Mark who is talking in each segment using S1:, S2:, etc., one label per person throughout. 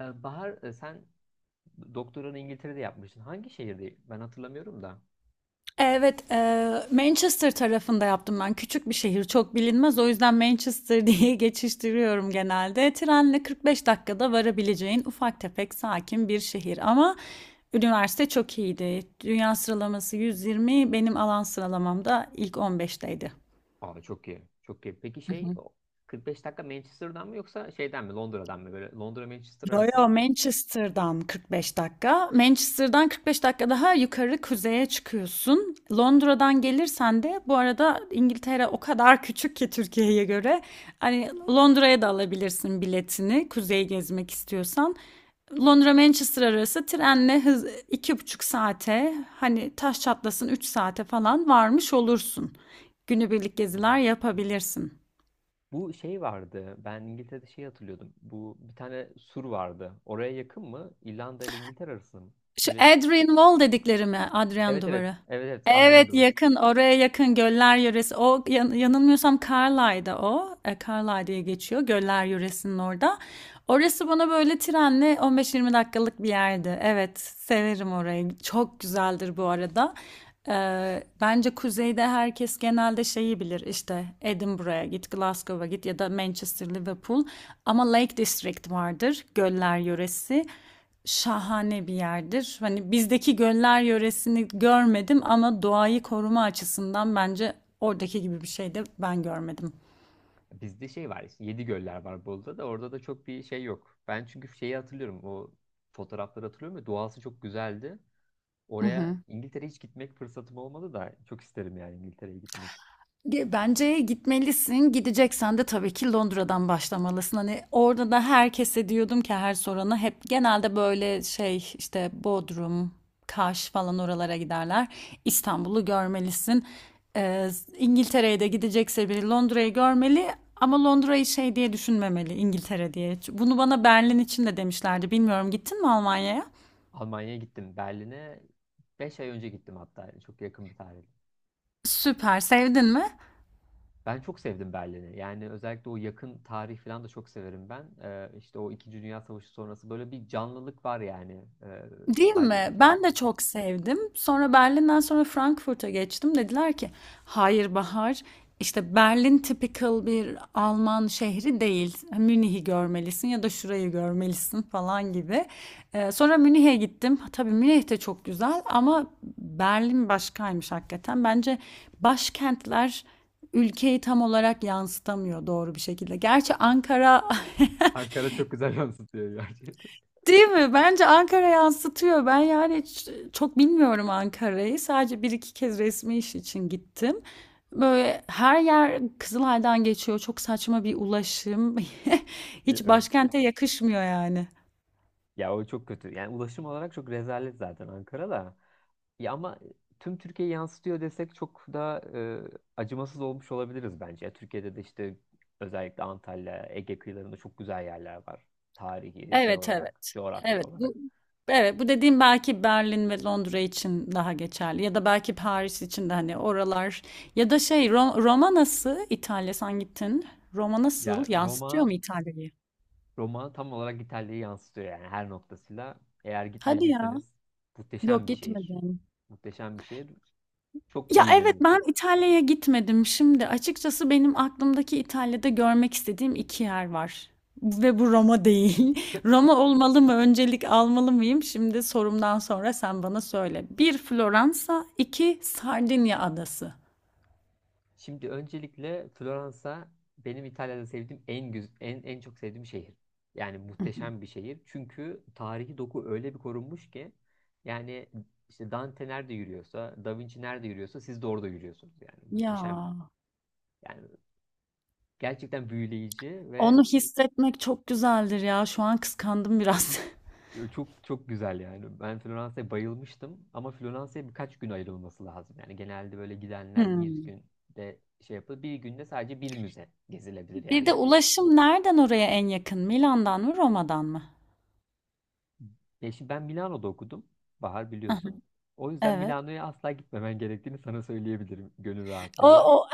S1: Bahar, sen doktoranı İngiltere'de yapmıştın. Hangi şehirde? Ben hatırlamıyorum da.
S2: Evet, Manchester tarafında yaptım ben. Küçük bir şehir, çok bilinmez. O yüzden Manchester diye geçiştiriyorum genelde. Trenle 45 dakikada varabileceğin ufak tefek sakin bir şehir. Ama üniversite çok iyiydi. Dünya sıralaması 120, benim alan sıralamamda ilk 15'teydi.
S1: Aa, çok iyi. Çok iyi. Peki şey o 45 dakika Manchester'dan mı yoksa şeyden mi Londra'dan mı, böyle Londra Manchester
S2: Yo
S1: arası
S2: yo
S1: mı?
S2: Manchester'dan 45 dakika. Manchester'dan 45 dakika daha yukarı kuzeye çıkıyorsun. Londra'dan gelirsen de bu arada İngiltere o kadar küçük ki Türkiye'ye göre. Hani Londra'ya da alabilirsin biletini kuzeyi gezmek istiyorsan. Londra Manchester arası trenle hız 2,5 saate hani taş çatlasın 3 saate falan varmış olursun. Günübirlik geziler yapabilirsin.
S1: Bu şey vardı. Ben İngiltere'de şey hatırlıyordum. Bu bir tane sur vardı. Oraya yakın mı? İrlanda ile İngiltere arası mı?
S2: Şu
S1: Öyle bir
S2: Adrian Wall dedikleri mi? Adrian
S1: evet evet.
S2: Duvarı.
S1: Evet evet. Adrian
S2: Evet,
S1: Duvarı.
S2: yakın oraya, yakın Göller Yöresi. O yanılmıyorsam Carlisle'da o. Carlisle diye geçiyor Göller Yöresi'nin orada. Orası bana böyle trenle 15-20 dakikalık bir yerdi. Evet, severim orayı. Çok güzeldir bu arada. Bence kuzeyde herkes genelde şeyi bilir işte Edinburgh'a git, Glasgow'a git ya da Manchester, Liverpool. Ama Lake District vardır, göller yöresi. Şahane bir yerdir. Hani bizdeki göller yöresini görmedim ama doğayı koruma açısından bence oradaki gibi bir şey de ben görmedim.
S1: Bizde şey var. Işte, 7 göller var Bolu'da da, orada da çok bir şey yok. Ben çünkü şeyi hatırlıyorum. O fotoğrafları hatırlıyorum ya, doğası çok güzeldi.
S2: Hı
S1: Oraya,
S2: hı.
S1: İngiltere'ye hiç gitmek fırsatım olmadı da, çok isterim yani İngiltere'ye gitmek.
S2: Bence gitmelisin. Gideceksen de tabii ki Londra'dan başlamalısın. Hani orada da herkese diyordum ki her sorana hep genelde böyle şey işte Bodrum, Kaş falan oralara giderler. İstanbul'u görmelisin. Ee, İngiltere'ye de gidecekse biri Londra'yı görmeli ama Londra'yı şey diye düşünmemeli İngiltere diye. Bunu bana Berlin için de demişlerdi. Bilmiyorum, gittin mi Almanya'ya?
S1: Almanya'ya gittim. Berlin'e 5 ay önce gittim hatta. Yani çok yakın bir tarih.
S2: Süper, sevdin mi?
S1: Ben çok sevdim Berlin'i. Yani özellikle o yakın tarih falan da çok severim ben. İşte o İkinci Dünya Savaşı sonrası böyle bir canlılık var yani.
S2: Değil
S1: Tarihin
S2: mi?
S1: içinde
S2: Ben de
S1: yürümek.
S2: çok sevdim. Sonra Berlin'den sonra Frankfurt'a geçtim. Dediler ki, hayır Bahar, işte Berlin typical bir Alman şehri değil. Münih'i görmelisin ya da şurayı görmelisin falan gibi. Sonra Münih'e gittim. Tabii Münih de çok güzel ama Berlin başkaymış hakikaten. Bence başkentler ülkeyi tam olarak yansıtamıyor doğru bir şekilde. Gerçi Ankara
S1: Ankara çok güzel yansıtıyor gerçekten.
S2: Değil mi? Bence Ankara yansıtıyor. Ben yani çok bilmiyorum Ankara'yı. Sadece bir iki kez resmi iş için gittim. Böyle her yer Kızılay'dan geçiyor. Çok saçma bir ulaşım. Hiç
S1: Evet.
S2: başkente yakışmıyor yani.
S1: Ya o çok kötü. Yani ulaşım olarak çok rezalet zaten Ankara'da. Ya ama tüm Türkiye'yi yansıtıyor desek çok da acımasız olmuş olabiliriz bence. Türkiye'de de işte özellikle Antalya, Ege kıyılarında çok güzel yerler var. Tarihi şey
S2: Evet,
S1: olarak,
S2: evet.
S1: coğrafya
S2: Evet,
S1: olarak.
S2: bu Evet, bu dediğim belki Berlin ve Londra için daha geçerli ya da belki Paris için de, hani oralar ya da şey Roma nasıl, İtalya sen gittin. Roma nasıl,
S1: Ya
S2: yansıtıyor
S1: Roma,
S2: mu İtalya'yı?
S1: Roma tam olarak İtalya'yı yansıtıyor yani her noktasıyla. Eğer
S2: Hadi ya.
S1: gitmediyseniz
S2: Yok,
S1: muhteşem bir şehir.
S2: gitmedim.
S1: Muhteşem bir şehir. Çok
S2: Ya, evet, ben
S1: büyüleniyorsunuz.
S2: İtalya'ya gitmedim. Şimdi açıkçası benim aklımdaki İtalya'da görmek istediğim 2 yer var ve bu Roma değil. Roma olmalı mı, öncelik almalı mıyım? Şimdi sorumdan sonra sen bana söyle. Bir Floransa, 2 Sardinya adası.
S1: Şimdi öncelikle Floransa benim İtalya'da sevdiğim en güz en en çok sevdiğim şehir. Yani
S2: Hı hı.
S1: muhteşem bir şehir. Çünkü tarihi doku öyle bir korunmuş ki, yani işte Dante nerede yürüyorsa, Da Vinci nerede yürüyorsa siz de orada yürüyorsunuz yani.
S2: Ya,
S1: Muhteşem. Yani gerçekten büyüleyici ve
S2: onu hissetmek çok güzeldir ya. Şu an kıskandım biraz.
S1: çok çok güzel yani. Ben Floransa'ya bayılmıştım ama Floransa'ya birkaç gün ayrılması lazım. Yani genelde böyle gidenler bir
S2: Hımm.
S1: günde şey yapıyor. Bir günde sadece bir müze gezilebilir
S2: Bir de
S1: yani.
S2: ulaşım nereden oraya en yakın? Milan'dan mı, Roma'dan mı?
S1: Ya şimdi ben Milano'da okudum. Bahar
S2: Hı hı.
S1: biliyorsun. O yüzden
S2: Evet.
S1: Milano'ya asla gitmemen gerektiğini sana söyleyebilirim gönül
S2: O
S1: rahatlığıyla.
S2: o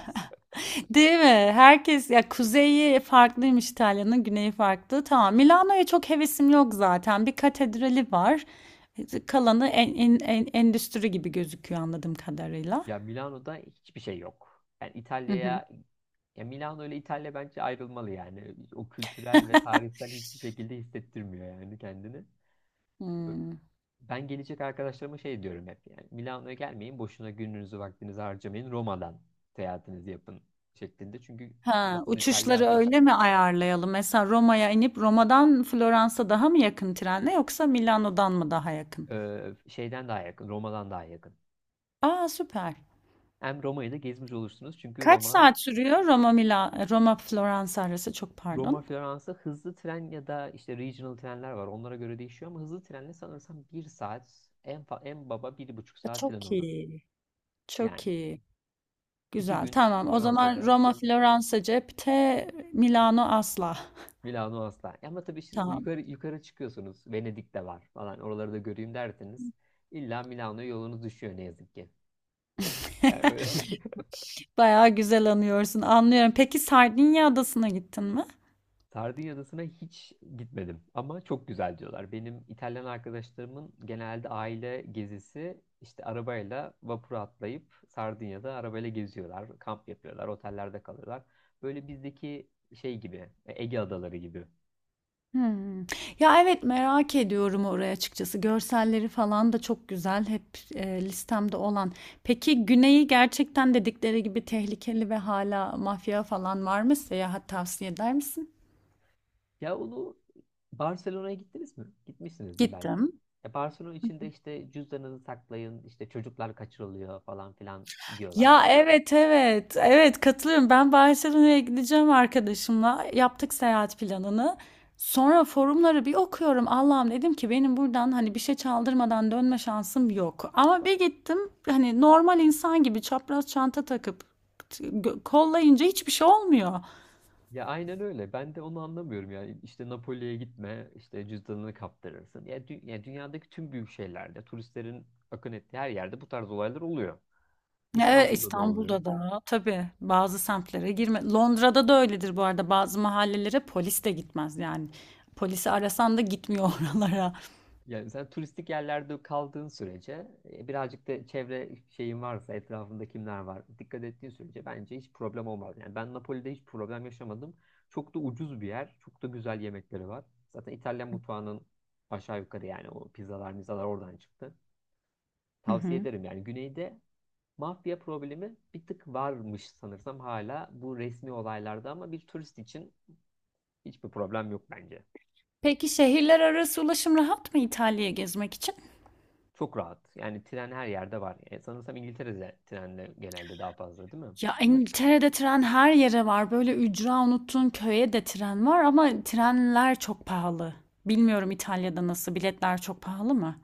S2: Değil mi? Herkes ya kuzeyi farklıymış İtalya'nın, güneyi farklı. Tamam. Milano'ya çok hevesim yok zaten. Bir katedrali var. Kalanı endüstri gibi gözüküyor anladığım kadarıyla.
S1: Ya Milano'da hiçbir şey yok. Yani
S2: Hı hı.
S1: İtalya'ya, ya Milano ile İtalya bence ayrılmalı yani. O kültürel ve tarihsel hiçbir şekilde hissettirmiyor yani kendini.
S2: Hmm.
S1: Ben gelecek arkadaşlarıma şey diyorum hep yani. Milano'ya gelmeyin, boşuna gününüzü vaktinizi harcamayın. Roma'dan seyahatinizi yapın şeklinde. Çünkü
S2: Ha,
S1: asıl İtalya
S2: uçuşları
S1: akşam.
S2: öyle mi ayarlayalım? Mesela Roma'ya inip Roma'dan Floransa daha mı yakın trenle yoksa Milano'dan mı daha yakın?
S1: Şeyden daha yakın, Roma'dan daha yakın.
S2: Aa, süper.
S1: Hem Roma'yı da gezmiş olursunuz. Çünkü
S2: Kaç
S1: Roma,
S2: saat sürüyor Roma Roma Floransa arası? Çok
S1: Roma,
S2: pardon.
S1: Floransa hızlı tren ya da işte regional trenler var. Onlara göre değişiyor ama hızlı trenle sanırsam bir saat, en baba bir buçuk saat falan
S2: Çok
S1: olur.
S2: iyi. Çok
S1: Yani
S2: iyi.
S1: iki
S2: Güzel.
S1: gün
S2: Tamam. O zaman
S1: Floransa'da,
S2: Roma, Floransa cepte, Milano asla.
S1: Milano asla. Ama tabii şimdi
S2: Tamam.
S1: yukarı, yukarı çıkıyorsunuz. Venedik de var falan. Oraları da göreyim derseniz illa Milano'ya yolunuz düşüyor ne yazık ki. Yani öyle.
S2: Bayağı güzel anıyorsun. Anlıyorum. Peki Sardinya adasına gittin mi?
S1: Sardinya Adası'na hiç gitmedim ama çok güzel diyorlar. Benim İtalyan arkadaşlarımın genelde aile gezisi, işte arabayla vapura atlayıp Sardinya'da arabayla geziyorlar, kamp yapıyorlar, otellerde kalıyorlar. Böyle bizdeki şey gibi, Ege adaları gibi.
S2: Hmm. Ya evet, merak ediyorum oraya açıkçası. Görselleri falan da çok güzel. Hep listemde olan. Peki güneyi gerçekten dedikleri gibi tehlikeli ve hala mafya falan var mı? Seyahat tavsiye eder misin?
S1: Ya onu, Barcelona'ya gittiniz mi? Gitmişsinizdir belki.
S2: Gittim.
S1: Ya Barcelona içinde işte cüzdanınızı saklayın, işte çocuklar kaçırılıyor falan filan diyorlar.
S2: Ya evet, evet, evet, katılıyorum. Ben Barcelona'ya gideceğim arkadaşımla. Yaptık seyahat planını. Sonra forumları bir okuyorum. Allah'ım, dedim ki benim buradan hani bir şey çaldırmadan dönme şansım yok. Ama bir gittim hani normal insan gibi çapraz çanta takıp kollayınca hiçbir şey olmuyor.
S1: Ya aynen öyle. Ben de onu anlamıyorum yani. İşte Napoli'ye gitme, işte cüzdanını kaptırırsın. Ya, ya dünyadaki tüm büyük şehirlerde, turistlerin akın ettiği her yerde bu tarz olaylar oluyor.
S2: Evet,
S1: İstanbul'da da oluyor.
S2: İstanbul'da da tabii bazı semtlere girme. Londra'da da öyledir bu arada. Bazı mahallelere polis de gitmez yani. Polisi arasan da gitmiyor oralara.
S1: Yani sen turistik yerlerde kaldığın sürece, birazcık da çevre şeyin varsa, etrafında kimler var, dikkat ettiğin sürece bence hiç problem olmaz. Yani ben Napoli'de hiç problem yaşamadım. Çok da ucuz bir yer, çok da güzel yemekleri var. Zaten İtalyan mutfağının aşağı yukarı yani o pizzalar, mizalar oradan çıktı.
S2: Hı
S1: Tavsiye
S2: hı.
S1: ederim yani güneyde. Mafya problemi bir tık varmış sanırsam hala, bu resmi olaylarda ama bir turist için hiçbir problem yok bence.
S2: Peki şehirler arası ulaşım rahat mı İtalya'ya gezmek için?
S1: Çok rahat. Yani tren her yerde var. Sanırsam İngiltere'de trenle genelde daha fazla, değil mi?
S2: Ya İngiltere'de tren her yere var. Böyle ücra unuttuğun köye de tren var ama trenler çok pahalı. Bilmiyorum İtalya'da nasıl, biletler çok pahalı mı?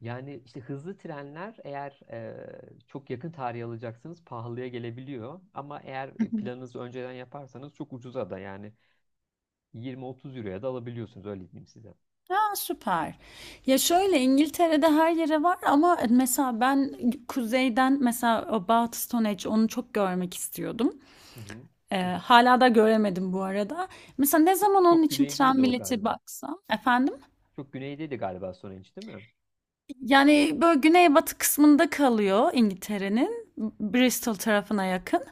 S1: Yani işte hızlı trenler eğer çok yakın tarih alacaksanız pahalıya gelebiliyor. Ama eğer
S2: Hı hı.
S1: planınızı önceden yaparsanız çok ucuza da, yani 20-30 euroya da alabiliyorsunuz, öyle diyeyim size.
S2: Ha, süper. Ya şöyle İngiltere'de her yere var ama mesela ben kuzeyden mesela About Stone onu çok görmek istiyordum.
S1: Hı hı.
S2: Hala da göremedim bu arada. Mesela ne
S1: Çok,
S2: zaman onun
S1: çok
S2: için
S1: güneydeydi
S2: tren
S1: o
S2: bileti
S1: galiba.
S2: baksam efendim?
S1: Çok güneydeydi galiba Stonehenge, değil mi?
S2: Yani böyle güneybatı kısmında kalıyor İngiltere'nin. Bristol tarafına yakın.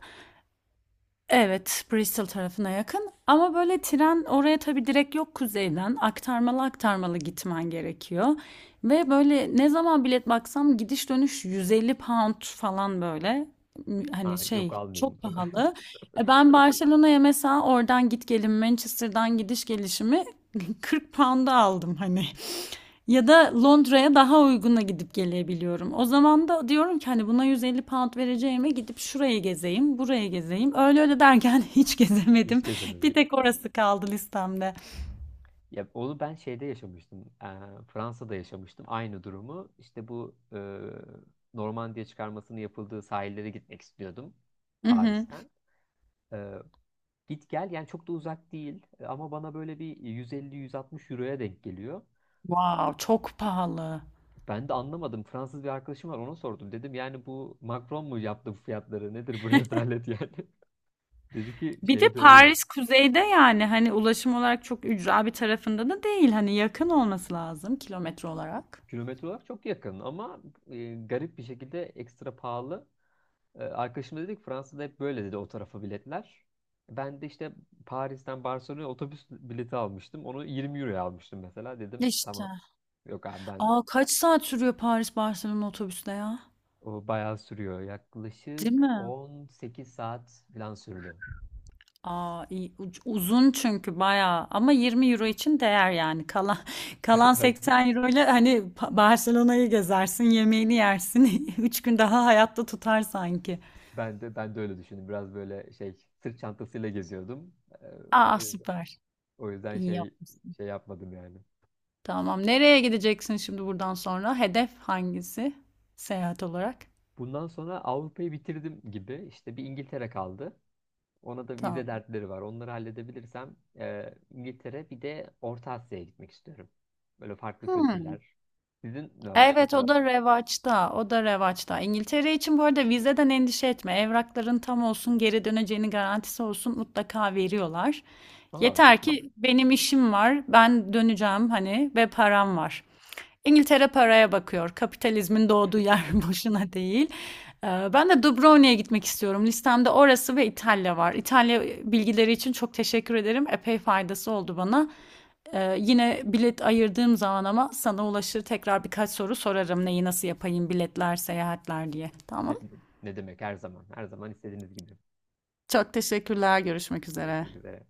S2: Evet, Bristol tarafına yakın. Ama böyle tren oraya tabii direkt yok kuzeyden. Aktarmalı aktarmalı gitmen gerekiyor. Ve böyle ne zaman bilet baksam gidiş dönüş 150 pound falan böyle.
S1: Ha,
S2: Hani
S1: yok
S2: şey
S1: almayayım o
S2: çok
S1: zaman.
S2: pahalı. E ben Barcelona'ya mesela oradan git gelin Manchester'dan gidiş gelişimi 40 pound'a aldım hani. Ya da Londra'ya daha uyguna gidip gelebiliyorum. O zaman da diyorum ki hani buna 150 pound vereceğime gidip şuraya gezeyim, buraya gezeyim. Öyle öyle derken hiç gezemedim.
S1: Hiç
S2: Bir
S1: gezemedim.
S2: tek orası kaldı listemde.
S1: Ya onu ben şeyde yaşamıştım. Fransa'da yaşamıştım aynı durumu. İşte bu Normandiya çıkarmasının yapıldığı sahillere gitmek istiyordum
S2: Hı hı.
S1: Paris'ten. Ee, Git gel yani çok da uzak değil. Ama bana böyle bir 150-160 euroya denk geliyor.
S2: Wow, çok pahalı.
S1: Ben de anlamadım. Fransız bir arkadaşım var, ona sordum. Dedim yani bu Macron mu yaptı bu fiyatları? Nedir bu rezalet yani? Dedi ki
S2: Bir de
S1: şey de öyle.
S2: Paris kuzeyde, yani hani ulaşım olarak çok ücra bir tarafında da değil. Hani yakın olması lazım kilometre olarak.
S1: Kilometre olarak çok yakın ama garip bir şekilde ekstra pahalı. Arkadaşım da dedi ki Fransa'da hep böyle, dedi, o tarafa biletler. Ben de işte Paris'ten Barcelona'ya otobüs bileti almıştım. Onu 20 euroya almıştım mesela. Dedim
S2: İşte.
S1: tamam. Yok abi ben,
S2: Aa, kaç saat sürüyor Paris Barcelona otobüste ya?
S1: o bayağı sürüyor.
S2: Değil
S1: Yaklaşık
S2: mi?
S1: 18 saat falan sürdü.
S2: Aa, iyi. Uzun çünkü bayağı ama 20 euro için değer yani kalan kalan
S1: Aynen.
S2: 80 euro ile hani Barcelona'yı gezersin, yemeğini yersin, 3 gün daha hayatta tutar sanki.
S1: Ben de öyle düşündüm. Biraz böyle şey, sırt çantasıyla geziyordum. Ee,
S2: Aa,
S1: O yüzden,
S2: süper,
S1: o yüzden
S2: iyi
S1: şey,
S2: yapmışsın.
S1: şey yapmadım yani.
S2: Tamam, nereye gideceksin şimdi buradan sonra, hedef hangisi seyahat olarak?
S1: Bundan sonra Avrupa'yı bitirdim gibi. İşte bir İngiltere kaldı. Ona da vize
S2: Tamam.
S1: dertleri var. Onları halledebilirsem İngiltere, bir de Orta Asya'ya gitmek istiyorum. Böyle farklı
S2: Hmm.
S1: kültürler. Sizin ne var
S2: Evet, o
S1: kafanızda?
S2: da revaçta. O da revaçta. İngiltere için bu arada vizeden endişe etme. Evrakların tam olsun, geri döneceğini garantisi olsun, mutlaka veriyorlar.
S1: Aa, çok
S2: Yeter
S1: güzel.
S2: ki benim işim var, ben döneceğim hani ve param var. İngiltere paraya bakıyor. Kapitalizmin doğduğu yer boşuna değil. Ben de Dubrovnik'e gitmek istiyorum. Listemde orası ve İtalya var. İtalya bilgileri için çok teşekkür ederim. Epey faydası oldu bana. Yine bilet ayırdığım zaman ama sana ulaşır tekrar birkaç soru sorarım. Neyi nasıl yapayım biletler, seyahatler diye. Tamam.
S1: Ne, ne, ne demek, her zaman. Her zaman istediğiniz gibi.
S2: Çok teşekkürler. Görüşmek üzere.
S1: Görüşmek üzere.